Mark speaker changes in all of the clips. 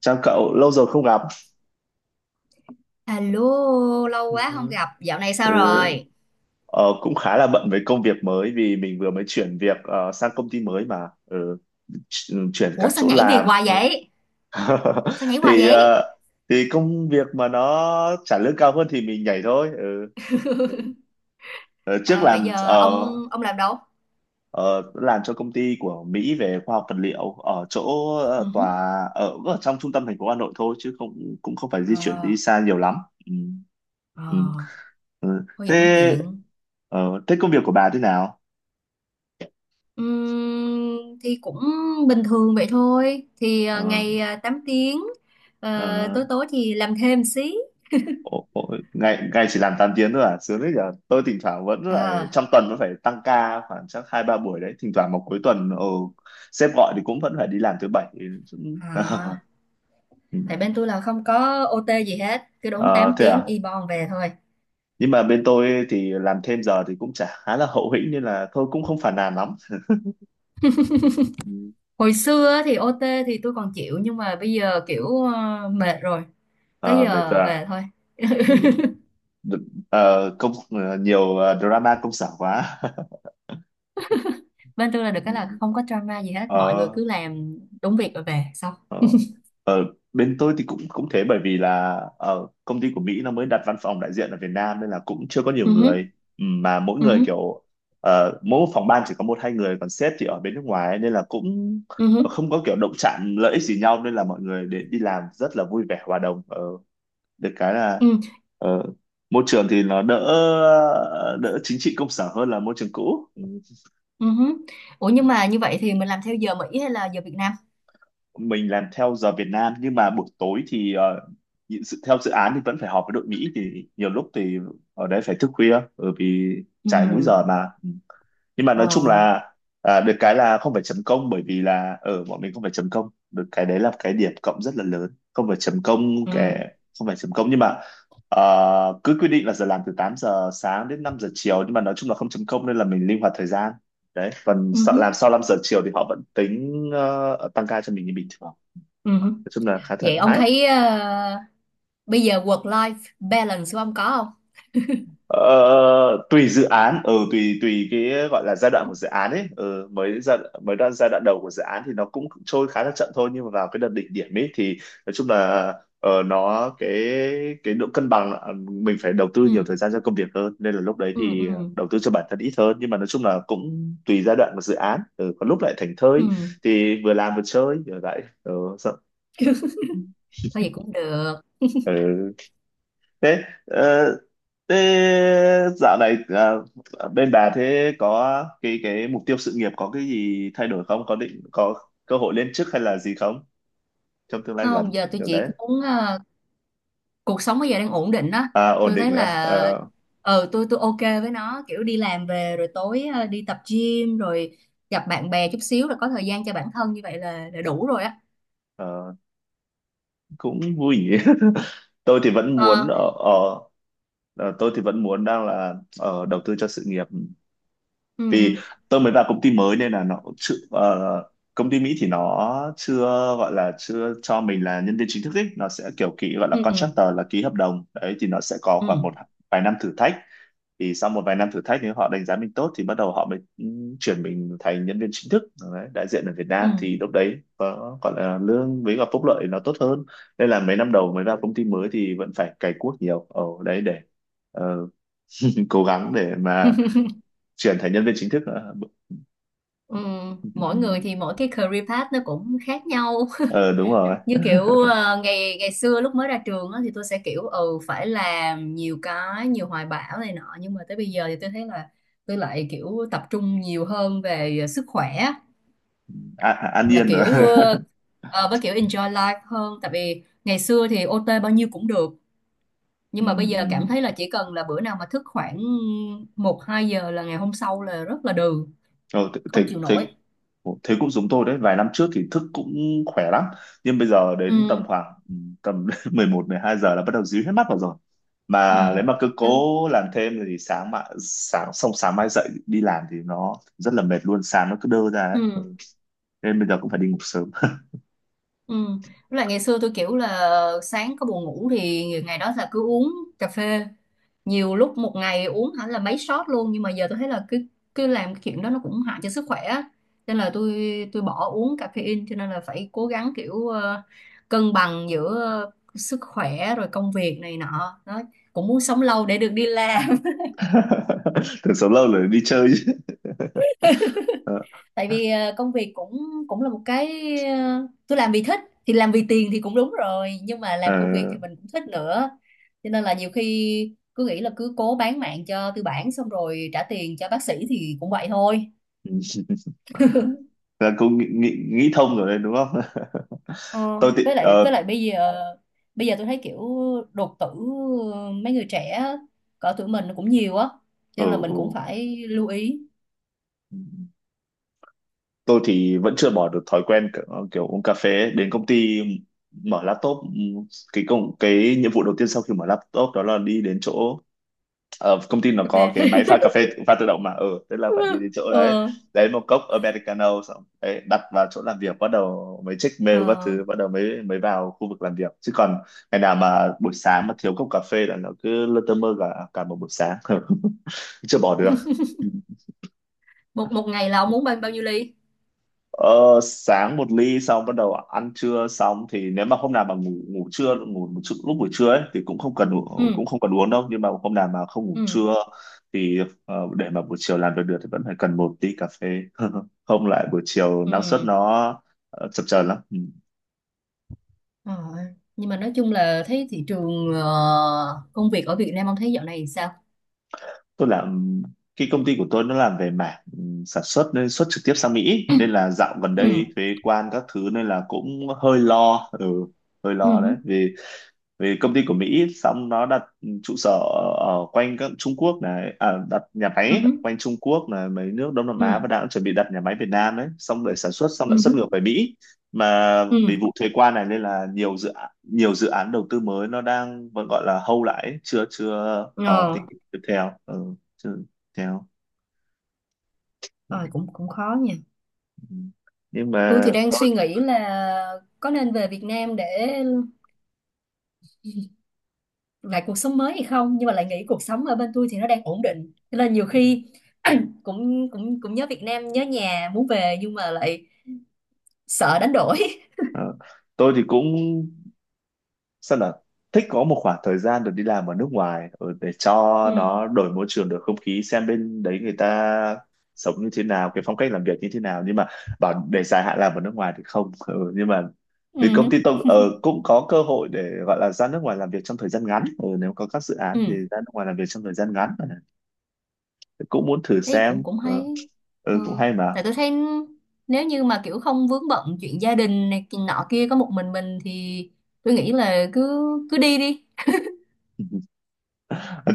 Speaker 1: Chào cậu, lâu rồi không gặp.
Speaker 2: Alo, lâu quá không
Speaker 1: Ừ.
Speaker 2: gặp, dạo này sao
Speaker 1: Ừ,
Speaker 2: rồi?
Speaker 1: ờ, cũng khá là bận với công việc mới vì mình vừa mới chuyển việc sang công ty mới mà chuyển cả
Speaker 2: Ủa sao
Speaker 1: chỗ
Speaker 2: nhảy việc
Speaker 1: làm.
Speaker 2: hoài
Speaker 1: Ừ.
Speaker 2: vậy? Sao nhảy hoài
Speaker 1: Thì
Speaker 2: vậy?
Speaker 1: ờ, thì công việc mà nó trả lương cao hơn thì mình nhảy thôi. Ừ. Ờ, trước
Speaker 2: Ờ, Vậy
Speaker 1: làm
Speaker 2: giờ
Speaker 1: ờ,
Speaker 2: ông làm đâu?
Speaker 1: Ờ, làm cho công ty của Mỹ về khoa học vật liệu ở chỗ
Speaker 2: Ừ hứ.
Speaker 1: tòa ở trong trung tâm thành phố Hà Nội thôi, chứ không cũng không phải di chuyển đi
Speaker 2: Ờ,
Speaker 1: xa nhiều lắm. Ừ.
Speaker 2: ờ,
Speaker 1: Ừ. Ừ.
Speaker 2: Thôi vậy cũng
Speaker 1: Thế
Speaker 2: tiện.
Speaker 1: ờ, thế công việc của bà thế nào?
Speaker 2: Thì cũng bình thường vậy thôi. Thì
Speaker 1: Ờ,
Speaker 2: ngày 8 tiếng,
Speaker 1: ờ,
Speaker 2: tối tối thì làm thêm xí.
Speaker 1: ồ, ngày ngày chỉ làm 8 tiếng thôi à? Sướng đấy nhở. Tôi thỉnh thoảng vẫn phải,
Speaker 2: Ờ,
Speaker 1: trong tuần vẫn phải tăng ca khoảng chắc hai ba buổi đấy. Thỉnh thoảng vào cuối tuần sếp gọi thì cũng vẫn phải đi làm thứ bảy. Cũng-
Speaker 2: à,
Speaker 1: Ừ.
Speaker 2: Tại bên tôi là không có OT gì hết, cứ đúng
Speaker 1: Ờ,
Speaker 2: 8
Speaker 1: thế
Speaker 2: tiếng
Speaker 1: à?
Speaker 2: y bon về thôi.
Speaker 1: Nhưng mà bên tôi thì làm thêm giờ thì cũng chả khá là hậu hĩnh, nên là thôi, cũng không phản nàn lắm. Ừ.
Speaker 2: Hồi xưa thì OT thì tôi còn chịu nhưng mà bây giờ kiểu mệt rồi, tới
Speaker 1: Ờ, mệt rồi
Speaker 2: giờ
Speaker 1: à?
Speaker 2: về thôi.
Speaker 1: Ừ. Đ- nhiều drama công sở quá.
Speaker 2: Bên tôi là được
Speaker 1: Ừ.
Speaker 2: cái là không có drama gì hết, mọi người
Speaker 1: ờ,
Speaker 2: cứ làm đúng việc rồi về xong.
Speaker 1: ờ. Bên tôi thì cũng cũng thế, bởi vì là công ty của Mỹ nó mới đặt văn phòng đại diện ở Việt Nam nên là cũng chưa có nhiều
Speaker 2: Ừ hứ.
Speaker 1: người. Ừ, mà mỗi
Speaker 2: Ừ
Speaker 1: người
Speaker 2: hứ.
Speaker 1: kiểu mỗi phòng ban chỉ có một hai người, còn sếp thì ở bên nước ngoài ấy, nên là cũng
Speaker 2: Ừ hứ.
Speaker 1: không có kiểu động chạm lợi ích gì nhau, nên là mọi người để đi làm rất là vui vẻ hòa đồng. Ờ, Được cái là
Speaker 2: Ừ.
Speaker 1: ờ, môi trường thì nó đỡ đỡ chính trị công sở hơn là môi trường cũ. Ừ.
Speaker 2: Ừ hứ. Ủa nhưng mà như vậy thì mình làm theo giờ Mỹ hay là giờ Việt Nam?
Speaker 1: Mình làm theo giờ Việt Nam, nhưng mà buổi tối thì dự- theo dự án thì vẫn phải họp với đội Mỹ, thì nhiều lúc thì ở đấy phải thức khuya, bởi vì
Speaker 2: Ừ.
Speaker 1: trái múi giờ mà. Nhưng mà
Speaker 2: Ờ.
Speaker 1: nói chung là, à, được cái là không phải chấm công, bởi vì là ở bọn mình không phải chấm công, được cái đấy là cái điểm cộng rất là lớn, không phải chấm công
Speaker 2: Ừ.
Speaker 1: cái không phải chấm công, nhưng mà cứ quy định là giờ làm từ 8 giờ sáng đến 5 giờ chiều, nhưng mà nói chung là không chấm công nên là mình linh hoạt thời gian đấy, còn
Speaker 2: Ừ
Speaker 1: sợ
Speaker 2: hứ.
Speaker 1: làm sau 5 giờ chiều thì họ vẫn tính tăng ca cho mình như bình thường.
Speaker 2: Ừ hứ.
Speaker 1: Nói chung là khá thoải
Speaker 2: Vậy ông
Speaker 1: mái.
Speaker 2: thấy bây giờ work life balance của ông có không?
Speaker 1: Ờ, tùy dự án, ừ tùy tùy cái gọi là giai đoạn của dự án ấy. Ừ, mới giai mới đoạn giai đoạn đầu của dự án thì nó cũng trôi khá là chậm thôi, nhưng mà vào cái đợt đỉnh điểm ấy thì nói chung là ờ, nó cái độ cân bằng là mình phải đầu tư
Speaker 2: Ừ.
Speaker 1: nhiều thời gian cho công việc hơn, nên là lúc đấy
Speaker 2: Ừ.
Speaker 1: thì
Speaker 2: Ừ.
Speaker 1: đầu tư cho bản thân ít hơn. Nhưng mà nói chung là cũng tùy giai đoạn của dự án, có lúc lại thảnh thơi
Speaker 2: Ừ.
Speaker 1: thì vừa làm vừa chơi rồi lại, sợ.
Speaker 2: Thôi vậy cũng được.
Speaker 1: Ừ. thế ờ, thế dạo này bên bà thế có cái mục tiêu sự nghiệp có cái gì thay đổi không, có định có cơ hội lên chức hay là gì không, trong tương lai
Speaker 2: Không,
Speaker 1: gần
Speaker 2: giờ tôi
Speaker 1: kiểu
Speaker 2: chỉ
Speaker 1: đấy?
Speaker 2: muốn cuộc sống bây giờ đang ổn định á.
Speaker 1: À, ổn
Speaker 2: Tôi thấy
Speaker 1: định à?
Speaker 2: là
Speaker 1: Ờ,
Speaker 2: tôi ok với nó, kiểu đi làm về rồi tối đi tập gym rồi gặp bạn bè chút xíu rồi có thời gian cho bản thân, như vậy là đủ rồi á.
Speaker 1: ờ, cũng vui nhỉ. tôi thì vẫn muốn
Speaker 2: Ờ.
Speaker 1: ở, ở ờ, tôi thì vẫn muốn đang là ở đầu tư cho sự nghiệp,
Speaker 2: Ừ.
Speaker 1: vì tôi mới vào công ty mới nên là nó cũng chưa, công ty Mỹ thì nó chưa gọi là chưa cho mình là nhân viên chính thức ấy, nó sẽ kiểu ký gọi là
Speaker 2: Ừ. Ừ.
Speaker 1: contractor, là ký hợp đồng đấy thì nó sẽ có
Speaker 2: Ừ.
Speaker 1: khoảng một vài năm thử thách. Thì sau một vài năm thử thách nếu họ đánh giá mình tốt thì bắt đầu họ mới, chuyển mình thành nhân viên chính thức đấy, đại diện ở Việt Nam
Speaker 2: Ừ.
Speaker 1: thì lúc đấy có gọi là lương với cả phúc lợi nó tốt hơn, nên là mấy năm đầu mới vào công ty mới thì vẫn phải cày cuốc nhiều ở đấy để ờ, cố gắng để mà chuyển thành nhân viên chính thức. Ờ,
Speaker 2: Ừ. Mỗi người
Speaker 1: Ừ.
Speaker 2: thì mỗi cái career path nó cũng khác nhau.
Speaker 1: ờ Đúng rồi.
Speaker 2: Như kiểu ngày ngày xưa lúc mới ra trường á, thì tôi sẽ kiểu phải làm nhiều cái, nhiều hoài bão này nọ nhưng mà tới bây giờ thì tôi thấy là tôi lại kiểu tập trung nhiều hơn về sức khỏe
Speaker 1: À, à, an
Speaker 2: và
Speaker 1: yên rồi.
Speaker 2: kiểu với kiểu enjoy life hơn, tại vì ngày xưa thì OT bao nhiêu cũng được
Speaker 1: Ừ,
Speaker 2: nhưng mà bây giờ cảm
Speaker 1: ừ.
Speaker 2: thấy là chỉ cần là bữa nào mà thức khoảng một hai giờ là ngày hôm sau là rất là đừ,
Speaker 1: Ờ, thế,
Speaker 2: không
Speaker 1: thế,
Speaker 2: chịu
Speaker 1: thế,
Speaker 2: nổi.
Speaker 1: thế cũng giống tôi đấy, vài năm trước thì thức cũng khỏe lắm, nhưng bây giờ đến
Speaker 2: Ừ.
Speaker 1: tầm khoảng, ừ, tầm 11, 12 giờ là bắt đầu díu hết mắt vào rồi.
Speaker 2: Ừ.
Speaker 1: Mà nếu mà cứ cố làm thêm thì sáng mà sáng xong sáng mai dậy đi làm thì nó rất là mệt luôn, sáng nó cứ đơ ra ấy. Ừ.
Speaker 2: Ừ.
Speaker 1: Nên bây giờ cũng phải đi ngủ sớm.
Speaker 2: Ừ. Với lại ngày xưa tôi kiểu là sáng có buồn ngủ thì ngày đó là cứ uống cà phê, nhiều lúc một ngày uống hẳn là mấy shot luôn, nhưng mà giờ tôi thấy là cứ cứ làm cái chuyện đó nó cũng hại cho sức khỏe á. Nên là tôi bỏ uống caffeine, cho nên là phải cố gắng kiểu cân bằng giữa sức khỏe rồi công việc này nọ đó, cũng muốn sống lâu để được đi làm.
Speaker 1: Thường sớm lâu rồi đi chơi chứ. ờ,
Speaker 2: Tại vì công việc cũng cũng là một cái, tôi làm vì thích, thì làm vì tiền thì cũng đúng rồi nhưng mà
Speaker 1: ờ,
Speaker 2: làm công việc thì mình cũng thích nữa, cho nên là nhiều khi cứ nghĩ là cứ cố bán mạng cho tư bản xong rồi trả tiền cho bác sĩ thì cũng vậy thôi.
Speaker 1: là cũng nghĩ thông rồi đấy đúng không?
Speaker 2: ờ,
Speaker 1: tôi thì
Speaker 2: với lại với
Speaker 1: ờ,
Speaker 2: lại bây giờ tôi thấy kiểu đột tử mấy người trẻ cỡ tuổi mình cũng nhiều á, cho
Speaker 1: ừ
Speaker 2: nên là mình
Speaker 1: ừ
Speaker 2: cũng phải lưu ý.
Speaker 1: tôi thì vẫn chưa bỏ được thói quen kiểu uống cà phê đến công ty, mở laptop. Cái nhiệm vụ đầu tiên sau khi mở laptop đó là đi đến chỗ, công ty nó
Speaker 2: Cà
Speaker 1: có cái
Speaker 2: phê.
Speaker 1: máy pha cà phê pha tự động mà, tức là phải đi đến chỗ đấy
Speaker 2: ờ,
Speaker 1: lấy một cốc americano, xong đấy đặt vào chỗ làm việc, bắt đầu mới check mail các
Speaker 2: ờ.
Speaker 1: thứ, bắt đầu mới mới vào khu vực làm việc. Chứ còn ngày nào mà buổi sáng mà thiếu cốc cà phê là nó cứ lơ tơ mơ cả cả một buổi sáng. Chưa bỏ được.
Speaker 2: một một ngày là ông muốn bao bao nhiêu ly?
Speaker 1: Ờ, sáng một ly, xong bắt đầu ăn trưa xong thì nếu mà hôm nào mà ngủ ngủ trưa ngủ một lúc buổi trưa ấy thì cũng không cần,
Speaker 2: Ừ.
Speaker 1: cũng không cần uống đâu, nhưng mà hôm nào mà không ngủ
Speaker 2: Ừ.
Speaker 1: trưa thì để mà buổi chiều làm việc được thì vẫn phải cần một tí cà phê. Không lại buổi chiều năng suất
Speaker 2: Ừ.
Speaker 1: nó chập chờn lắm. Ừ.
Speaker 2: Ờ, nhưng mà nói chung là thấy thị trường công việc ở Việt Nam ông thấy dạo này sao?
Speaker 1: Tôi làm cái công ty của tôi nó làm về mảng, sản xuất nên xuất trực tiếp sang Mỹ, nên là dạo gần
Speaker 2: Ừ.
Speaker 1: đây thuế quan các thứ nên là cũng hơi lo,
Speaker 2: Ừ.
Speaker 1: đấy vì vì công ty của Mỹ xong nó đặt trụ sở ở quanh các Trung Quốc này, à, đặt nhà
Speaker 2: Ừ.
Speaker 1: máy quanh Trung Quốc này, mấy nước Đông Nam Á,
Speaker 2: Ừ.
Speaker 1: và đang chuẩn bị đặt nhà máy Việt Nam đấy, xong để sản xuất xong lại
Speaker 2: Ừ.
Speaker 1: xuất
Speaker 2: Ừ.
Speaker 1: ngược về Mỹ. Mà
Speaker 2: Ừ.
Speaker 1: vì vụ thuế quan này nên là nhiều dự án đầu tư mới nó đang vẫn gọi là hold lại ấy, chưa chưa có
Speaker 2: Ờ,
Speaker 1: tình hình tiếp theo, ừ, chưa tiếp theo
Speaker 2: ờ, cũng cũng khó nha.
Speaker 1: ừ. Nhưng
Speaker 2: Tôi thì
Speaker 1: mà
Speaker 2: đang suy nghĩ là có nên về Việt Nam để lại cuộc sống mới hay không, nhưng mà lại nghĩ cuộc sống ở bên tôi thì nó đang ổn định. Cho nên nhiều khi cũng cũng cũng nhớ Việt Nam, nhớ nhà, muốn về nhưng mà lại sợ đánh đổi.
Speaker 1: ờ, tôi thì cũng sao là thích có một khoảng thời gian được đi làm ở nước ngoài, để cho
Speaker 2: Ừ.
Speaker 1: nó đổi môi trường đổi không khí, xem bên đấy người ta sống như thế nào, cái phong cách làm việc như thế nào, nhưng mà bảo để dài hạn làm ở nước ngoài thì không, nhưng mà vì công
Speaker 2: Ừ.
Speaker 1: ty tôi cũng có cơ hội để gọi là ra nước ngoài làm việc trong thời gian ngắn, nếu có các dự án thì
Speaker 2: Ừ.
Speaker 1: ra nước ngoài làm việc trong thời gian ngắn, cũng muốn thử
Speaker 2: Ý cũng
Speaker 1: xem.
Speaker 2: cũng
Speaker 1: Ờ,
Speaker 2: hay.
Speaker 1: ừ, cũng
Speaker 2: Ừ.
Speaker 1: hay mà.
Speaker 2: Tại tôi thấy nếu như mà kiểu không vướng bận chuyện gia đình này chuyện nọ kia, có một mình thì tôi nghĩ là cứ cứ đi đi,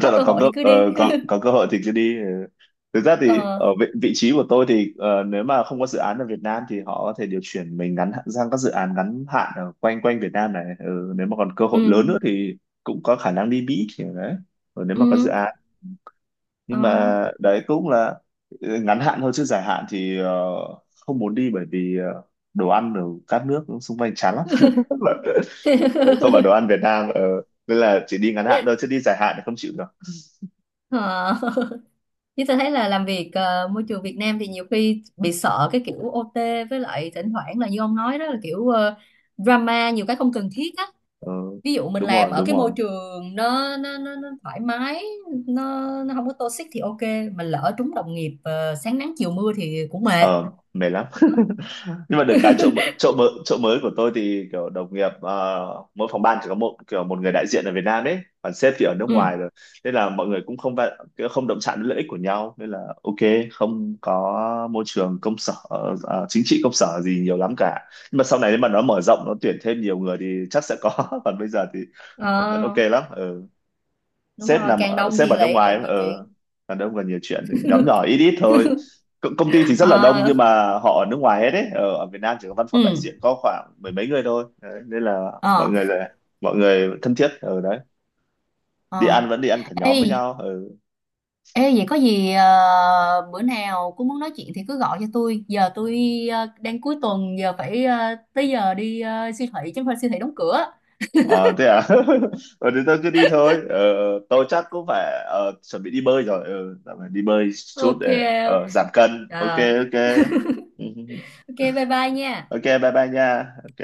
Speaker 1: Chắc là
Speaker 2: cơ
Speaker 1: có
Speaker 2: hội
Speaker 1: cơ
Speaker 2: thì cứ đi.
Speaker 1: ờ, có có cơ hội thì cứ đi. Ừ. Thực ra thì
Speaker 2: Ờ.
Speaker 1: ở vị trí của tôi thì nếu mà không có dự án ở Việt Nam thì họ có thể điều chuyển mình, sang các dự án ngắn hạn ở quanh quanh Việt Nam này, nếu mà còn cơ hội lớn nữa
Speaker 2: Ừ.
Speaker 1: thì cũng có khả năng đi Mỹ kiểu đấy, nếu mà có dự
Speaker 2: Ừ.
Speaker 1: án.
Speaker 2: Ờ.
Speaker 1: Nhưng mà đấy cũng là ngắn hạn thôi, chứ dài hạn thì không muốn đi, bởi vì đồ ăn ở các nước xung quanh chán lắm, không phải đồ ăn Việt Nam. Ờ, Nên là chỉ đi ngắn hạn thôi, chứ đi dài hạn thì không chịu được.
Speaker 2: Ờ. Chứ tôi thấy là làm việc môi trường Việt Nam thì nhiều khi bị sợ cái kiểu OT, với lại thỉnh thoảng là như ông nói đó là kiểu drama nhiều cái không cần thiết á.
Speaker 1: Ờ,
Speaker 2: Ví dụ mình
Speaker 1: đúng
Speaker 2: làm
Speaker 1: rồi,
Speaker 2: ở
Speaker 1: đúng
Speaker 2: cái môi
Speaker 1: rồi.
Speaker 2: trường nó thoải mái, nó không có toxic thì ok, mình lỡ trúng đồng nghiệp sáng nắng chiều mưa thì cũng mệt.
Speaker 1: Ờ, mệt lắm. Nhưng mà được cái chỗ mới của tôi thì kiểu đồng nghiệp, mỗi phòng ban chỉ có một một người đại diện ở Việt Nam ấy, còn sếp thì ở nước
Speaker 2: Ừ.
Speaker 1: ngoài rồi, nên là mọi người cũng không không động chạm đến lợi ích của nhau, nên là ok. Không có môi trường công sở, chính trị công sở gì nhiều lắm cả, nhưng mà sau này nếu mà nó mở rộng nó tuyển thêm nhiều người thì chắc sẽ có. Còn bây giờ thì vẫn
Speaker 2: Ờ,
Speaker 1: ok lắm. Ừ.
Speaker 2: Đúng
Speaker 1: sếp
Speaker 2: rồi,
Speaker 1: nằm
Speaker 2: càng
Speaker 1: ở,
Speaker 2: đông
Speaker 1: sếp
Speaker 2: thì
Speaker 1: ở nước
Speaker 2: lại
Speaker 1: ngoài,
Speaker 2: càng nhiều
Speaker 1: ở
Speaker 2: chuyện.
Speaker 1: đàn ông còn nhiều chuyện thì nhóm nhỏ ít ít thôi. Công ty thì rất là đông,
Speaker 2: Ờ.
Speaker 1: nhưng mà họ ở nước ngoài hết đấy, ở Việt Nam chỉ có văn phòng
Speaker 2: Ừ.
Speaker 1: đại diện có khoảng mười mấy người thôi đấy, nên
Speaker 2: Ờ.
Speaker 1: là mọi người thân thiết ở đấy,
Speaker 2: Ờ.
Speaker 1: đi ăn vẫn đi ăn cả
Speaker 2: Ê,
Speaker 1: nhóm với nhau. Ừ.
Speaker 2: ê, vậy có gì bữa nào cũng muốn nói chuyện thì cứ gọi cho tôi. Giờ tôi đang cuối tuần, giờ phải tới giờ đi siêu thị, chứ không phải siêu thị đóng cửa.
Speaker 1: Ờ, thế à? Ờ thì tôi cứ đi thôi, tôi chắc cũng phải, chuẩn bị đi bơi rồi, dạo này đi bơi chút
Speaker 2: Ok.
Speaker 1: để
Speaker 2: Ok.
Speaker 1: giảm cân. Ok.
Speaker 2: Rồi,
Speaker 1: Ok.
Speaker 2: ok bye bye nha.
Speaker 1: Ok, bye bye nha. Ok.